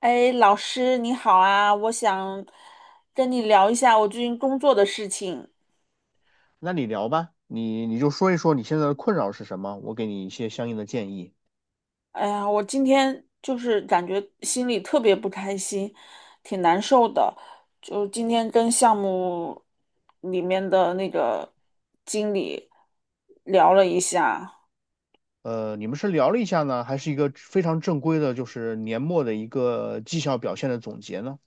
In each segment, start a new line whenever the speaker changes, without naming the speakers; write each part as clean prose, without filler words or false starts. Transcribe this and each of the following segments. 哎，老师你好啊，我想跟你聊一下我最近工作的事情。
那你聊吧，你就说一说你现在的困扰是什么，我给你一些相应的建议。
哎呀，我今天就是感觉心里特别不开心，挺难受的。就今天跟项目里面的那个经理聊了一下，
你们是聊了一下呢，还是一个非常正规的，就是年末的一个绩效表现的总结呢？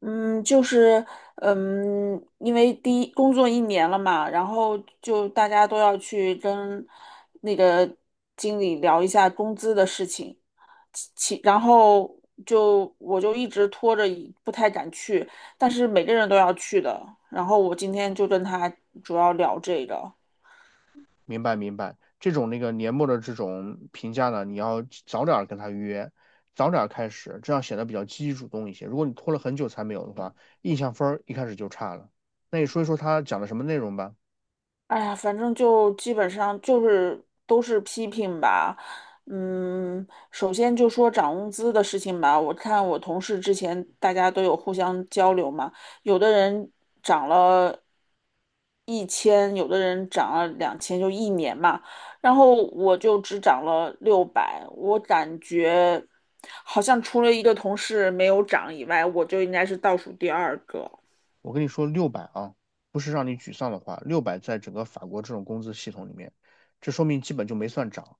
嗯，就是，因为第一工作一年了嘛，然后就大家都要去跟那个经理聊一下工资的事情，然后就我就一直拖着一不太敢去，但是每个人都要去的，然后我今天就跟他主要聊这个。
明白明白，这种那个年末的这种评价呢，你要早点儿跟他约，早点儿开始，这样显得比较积极主动一些。如果你拖了很久才没有的话，印象分儿一开始就差了。那你说一说他讲了什么内容吧。
哎呀，反正就基本上就是都是批评吧。首先就说涨工资的事情吧。我看我同事之前大家都有互相交流嘛，有的人涨了1000，有的人涨了2000，就一年嘛。然后我就只涨了600，我感觉好像除了一个同事没有涨以外，我就应该是倒数第二个。
我跟你说，六百啊，不是让你沮丧的话，六百在整个法国这种工资系统里面，这说明基本就没算涨。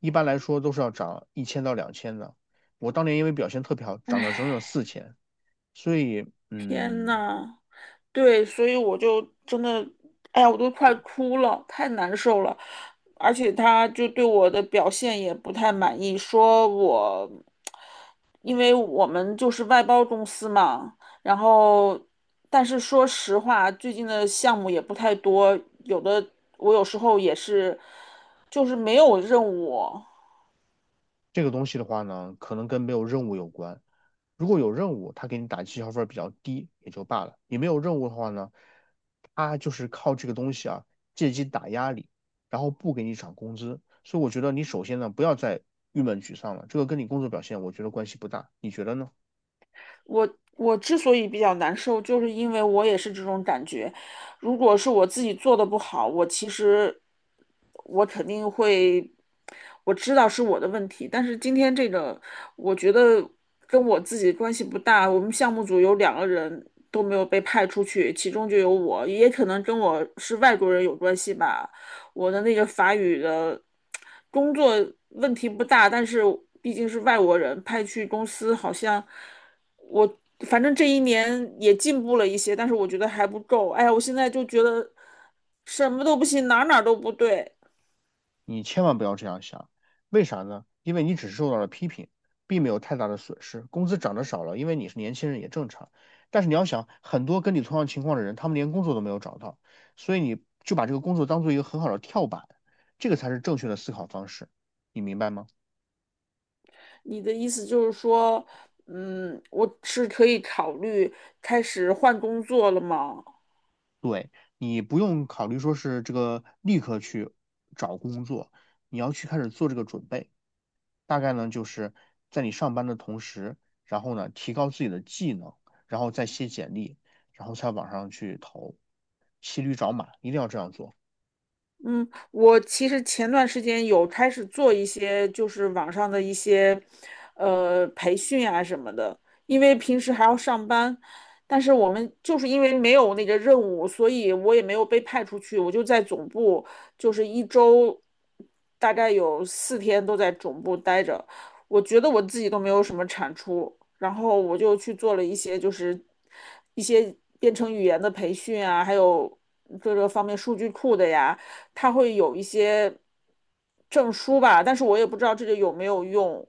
一般来说都是要涨1,000到2,000的。我当年因为表现特别好，涨了整整4,000，所以
天呐！对，所以我就真的，哎呀，我都快哭了，太难受了。而且他就对我的表现也不太满意，说我，因为我们就是外包公司嘛，然后，但是说实话，最近的项目也不太多，有的我有时候也是，就是没有任务，
这个东西的话呢，可能跟没有任务有关。如果有任务，他给你打绩效分儿比较低也就罢了。你没有任务的话呢，他就是靠这个东西啊，借机打压你，然后不给你涨工资。所以我觉得你首先呢，不要再郁闷沮丧了，这个跟你工作表现我觉得关系不大。你觉得呢？
我我之所以比较难受，就是因为我也是这种感觉。如果是我自己做的不好，我其实我肯定会，我知道是我的问题。但是今天这个，我觉得跟我自己关系不大。我们项目组有两个人都没有被派出去，其中就有我，也可能跟我是外国人有关系吧。我的那个法语的工作问题不大，但是毕竟是外国人派去公司，好像我反正这一年也进步了一些，但是我觉得还不够。哎呀，我现在就觉得什么都不行，哪哪都不对。
你千万不要这样想，为啥呢？因为你只是受到了批评，并没有太大的损失。工资涨得少了，因为你是年轻人也正常。但是你要想，很多跟你同样情况的人，他们连工作都没有找到，所以你就把这个工作当做一个很好的跳板，这个才是正确的思考方式，你明白吗？
你的意思就是说，我是可以考虑开始换工作了吗？
对，你不用考虑说是这个立刻去找工作，你要去开始做这个准备。大概呢就是在你上班的同时，然后呢提高自己的技能，然后再写简历，然后在网上去投，骑驴找马，一定要这样做，
嗯，我其实前段时间有开始做一些，就是网上的一些，培训啊什么的，因为平时还要上班，但是我们就是因为没有那个任务，所以我也没有被派出去，我就在总部，就是一周大概有4天都在总部待着，我觉得我自己都没有什么产出，然后我就去做了一些就是一些编程语言的培训啊，还有各个方面数据库的呀。他会有一些证书吧，但是我也不知道这个有没有用。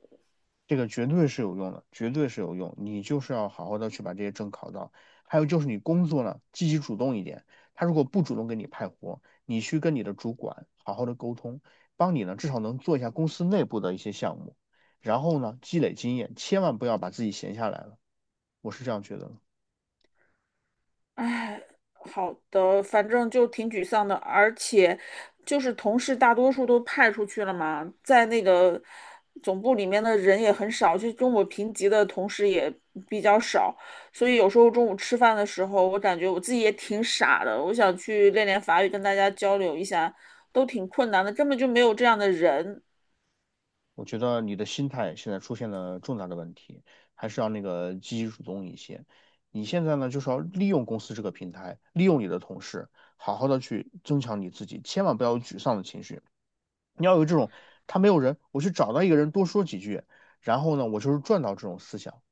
这个绝对是有用的，绝对是有用。你就是要好好的去把这些证考到，还有就是你工作呢积极主动一点，他如果不主动给你派活，你去跟你的主管好好的沟通，帮你呢至少能做一下公司内部的一些项目，然后呢积累经验，千万不要把自己闲下来了，我是这样觉得的。
唉，好的，反正就挺沮丧的，而且就是同事大多数都派出去了嘛，在那个总部里面的人也很少，就跟我平级的同事也比较少，所以有时候中午吃饭的时候，我感觉我自己也挺傻的，我想去练练法语，跟大家交流一下，都挺困难的，根本就没有这样的人。
我觉得你的心态现在出现了重大的问题，还是要那个积极主动一些。你现在呢，就是要利用公司这个平台，利用你的同事，好好的去增强你自己，千万不要有沮丧的情绪。你要有这种，他没有人，我去找到一个人多说几句，然后呢，我就是赚到这种思想，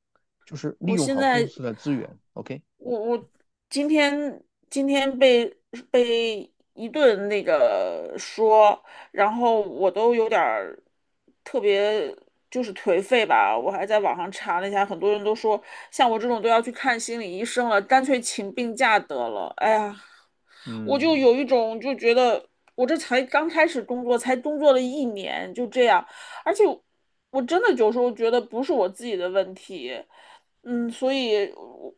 就是利
我
用
现
好公
在，
司的资源。OK,
我今天今天被一顿那个说，然后我都有点儿特别就是颓废吧。我还在网上查了一下，很多人都说像我这种都要去看心理医生了，干脆请病假得了。哎呀，我就
嗯。
有一种就觉得我这才刚开始工作，才工作了一年就这样，而且我真的有时候觉得不是我自己的问题。所以我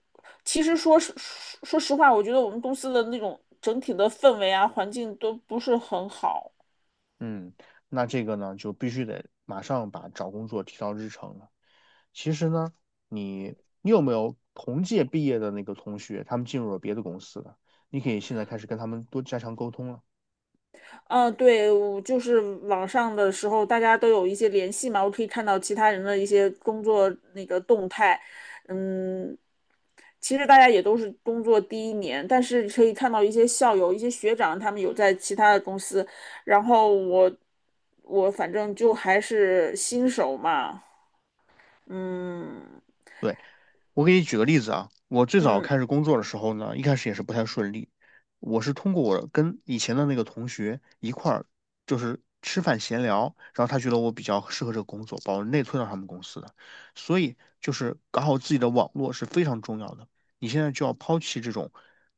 其实说实话，我觉得我们公司的那种整体的氛围啊，环境都不是很好。
嗯，那这个呢，就必须得马上把找工作提到日程了。其实呢，你你有没有同届毕业的那个同学，他们进入了别的公司了？你可以现在开始跟他们多加强沟通了。
嗯，对，我就是网上的时候，大家都有一些联系嘛，我可以看到其他人的一些工作那个动态。嗯，其实大家也都是工作第一年，但是可以看到一些校友、一些学长，他们有在其他的公司，然后我反正就还是新手嘛，嗯。
对。我给你举个例子啊，我最早
嗯，
开始工作的时候呢，一开始也是不太顺利。我是通过我跟以前的那个同学一块儿，就是吃饭闲聊，然后他觉得我比较适合这个工作，把我内推到他们公司的。所以就是搞好自己的网络是非常重要的。你现在就要抛弃这种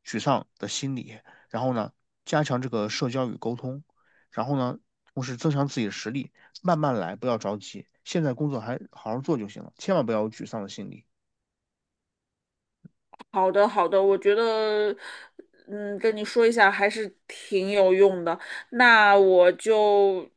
沮丧的心理，然后呢，加强这个社交与沟通，然后呢，同时增强自己的实力，慢慢来，不要着急。现在工作还好好做就行了，千万不要有沮丧的心理。
好的，好的，我觉得，跟你说一下还是挺有用的。那我就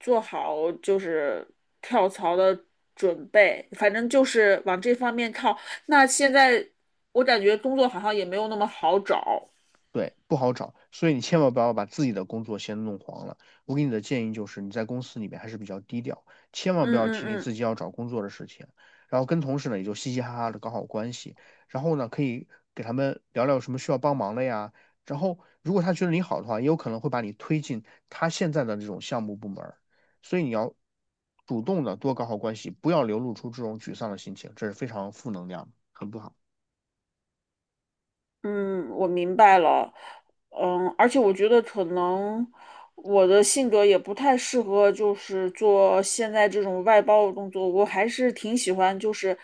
做好就是跳槽的准备，反正就是往这方面靠。那现在我感觉工作好像也没有那么好找。
对，不好找，所以你千万不要把自己的工作先弄黄了。我给你的建议就是，你在公司里面还是比较低调，千万不
嗯
要
嗯
提你自
嗯。
己要找工作的事情，然后跟同事呢也就嘻嘻哈哈的搞好关系，然后呢可以给他们聊聊有什么需要帮忙的呀。然后如果他觉得你好的话，也有可能会把你推进他现在的这种项目部门儿所以你要主动的多搞好关系，不要流露出这种沮丧的心情，这是非常负能量的很不好。
嗯，我明白了。嗯，而且我觉得可能我的性格也不太适合，就是做现在这种外包的工作。我还是挺喜欢，就是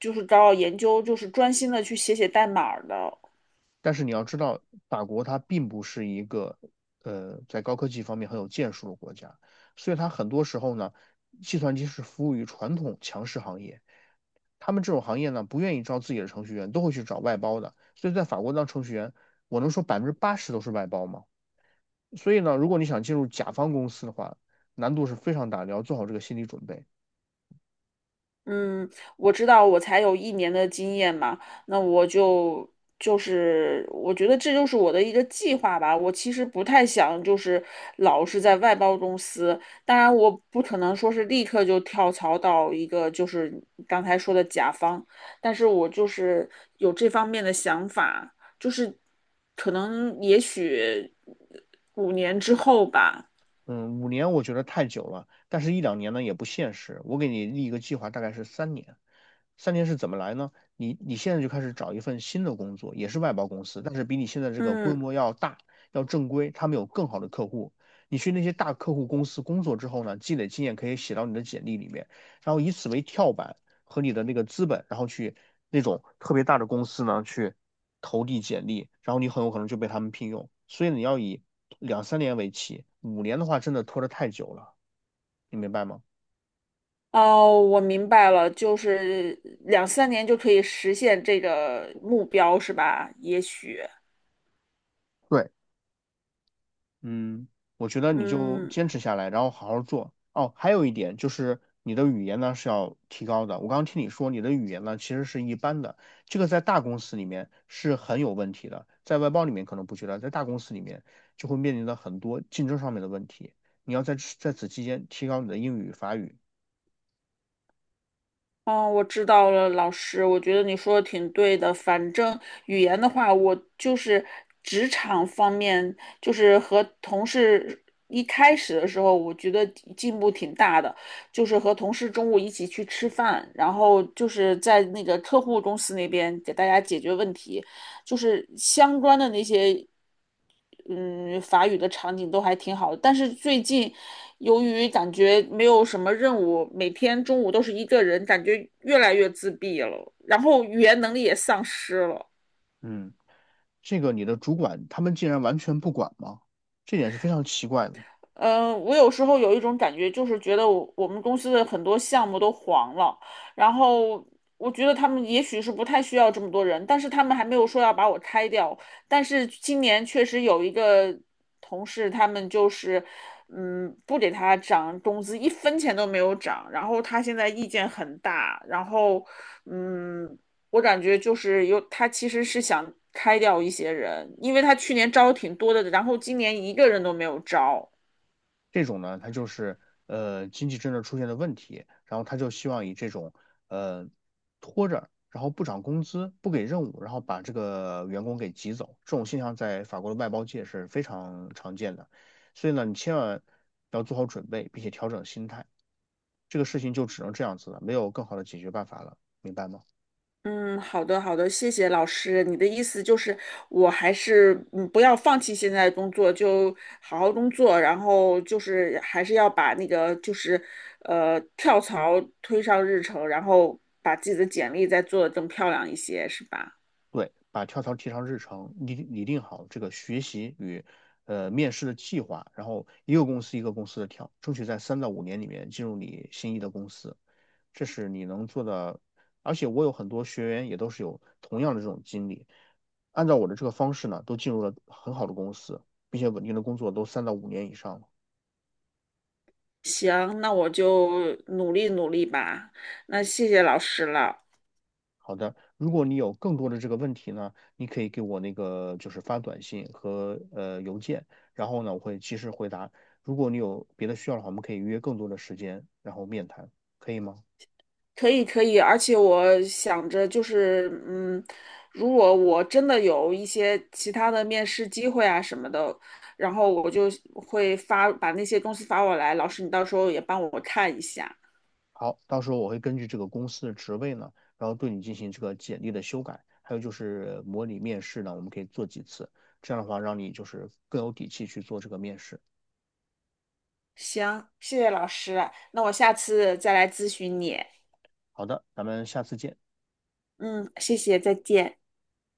就是找找研究，就是专心的去写写代码儿的。
但是你要知道，法国它并不是一个在高科技方面很有建树的国家，所以它很多时候呢，计算机是服务于传统强势行业，他们这种行业呢不愿意招自己的程序员，都会去找外包的。所以在法国当程序员，我能说80%都是外包吗？所以呢，如果你想进入甲方公司的话，难度是非常大的，要做好这个心理准备。
嗯，我知道，我才有一年的经验嘛，那我就是，我觉得这就是我的一个计划吧。我其实不太想就是老是在外包公司，当然我不可能说是立刻就跳槽到一个就是刚才说的甲方，但是我就是有这方面的想法，就是可能也许5年之后吧，
嗯，五年我觉得太久了，但是一两年呢也不现实。我给你立一个计划，大概是三年。三年是怎么来呢？你你现在就开始找一份新的工作，也是外包公司，但是比你现在这个规
嗯。
模要大，要正规，他们有更好的客户。你去那些大客户公司工作之后呢，积累经验可以写到你的简历里面，然后以此为跳板和你的那个资本，然后去那种特别大的公司呢去投递简历，然后你很有可能就被他们聘用。所以你要以两三年为期，五年的话真的拖得太久了，你明白吗？
哦，我明白了，就是2-3年就可以实现这个目标，是吧？也许，
对。嗯，我觉得你就
嗯，
坚持下来，然后好好做。哦，还有一点就是你的语言呢是要提高的。我刚刚听你说你的语言呢其实是一般的，这个在大公司里面是很有问题的，在外包里面可能不觉得，在大公司里面就会面临到很多竞争上面的问题。你要在此期间提高你的英语、法语。
哦，我知道了，老师，我觉得你说的挺对的。反正语言的话，我就是职场方面，就是和同事一开始的时候，我觉得进步挺大的，就是和同事中午一起去吃饭，然后就是在那个客户公司那边给大家解决问题。就是相关的那些嗯，法语的场景都还挺好的。但是最近由于感觉没有什么任务，每天中午都是一个人，感觉越来越自闭了，然后语言能力也丧失了。
嗯，这个你的主管他们竟然完全不管吗？这点是非常奇怪的。
嗯，我有时候有一种感觉，就是觉得我们公司的很多项目都黄了，然后我觉得他们也许是不太需要这么多人，但是他们还没有说要把我开掉。但是今年确实有一个同事，他们就是，不给他涨工资，一分钱都没有涨，然后他现在意见很大，然后，嗯，我感觉就是有，他其实是想开掉一些人，因为他去年招挺多的，然后今年一个人都没有招。
这种呢，它就是经济政策出现了问题，然后他就希望以这种呃拖着，然后不涨工资、不给任务，然后把这个员工给挤走，这种现象在法国的外包界是非常常见的。所以呢，你千万要做好准备，并且调整心态。这个事情就只能这样子了，没有更好的解决办法了，明白吗？
嗯，好的，好的，谢谢老师。你的意思就是，我还是不要放弃现在的工作，就好好工作，然后就是还是要把那个就是跳槽推上日程，然后把自己的简历再做的更漂亮一些，是吧？
对，把跳槽提上日程，拟定好这个学习与面试的计划，然后一个公司一个公司的跳，争取在三到五年里面进入你心仪的公司，这是你能做的。而且我有很多学员也都是有同样的这种经历，按照我的这个方式呢，都进入了很好的公司，并且稳定的工作都三到五年以上了。
行，那我就努力努力吧。那谢谢老师了。
好的，如果你有更多的这个问题呢，你可以给我那个就是发短信和邮件，然后呢我会及时回答。如果你有别的需要的话，我们可以约更多的时间，然后面谈，可以吗？
可以可以，而且我想着就是，如果我真的有一些其他的面试机会啊什么的，然后我就会发，把那些东西发过来，老师你到时候也帮我看一下。
好，到时候我会根据这个公司的职位呢，然后对你进行这个简历的修改，还有就是模拟面试呢，我们可以做几次，这样的话让你就是更有底气去做这个面试。
行，谢谢老师，那我下次再来咨询你。
好的，咱们下次见。
嗯，谢谢，再见。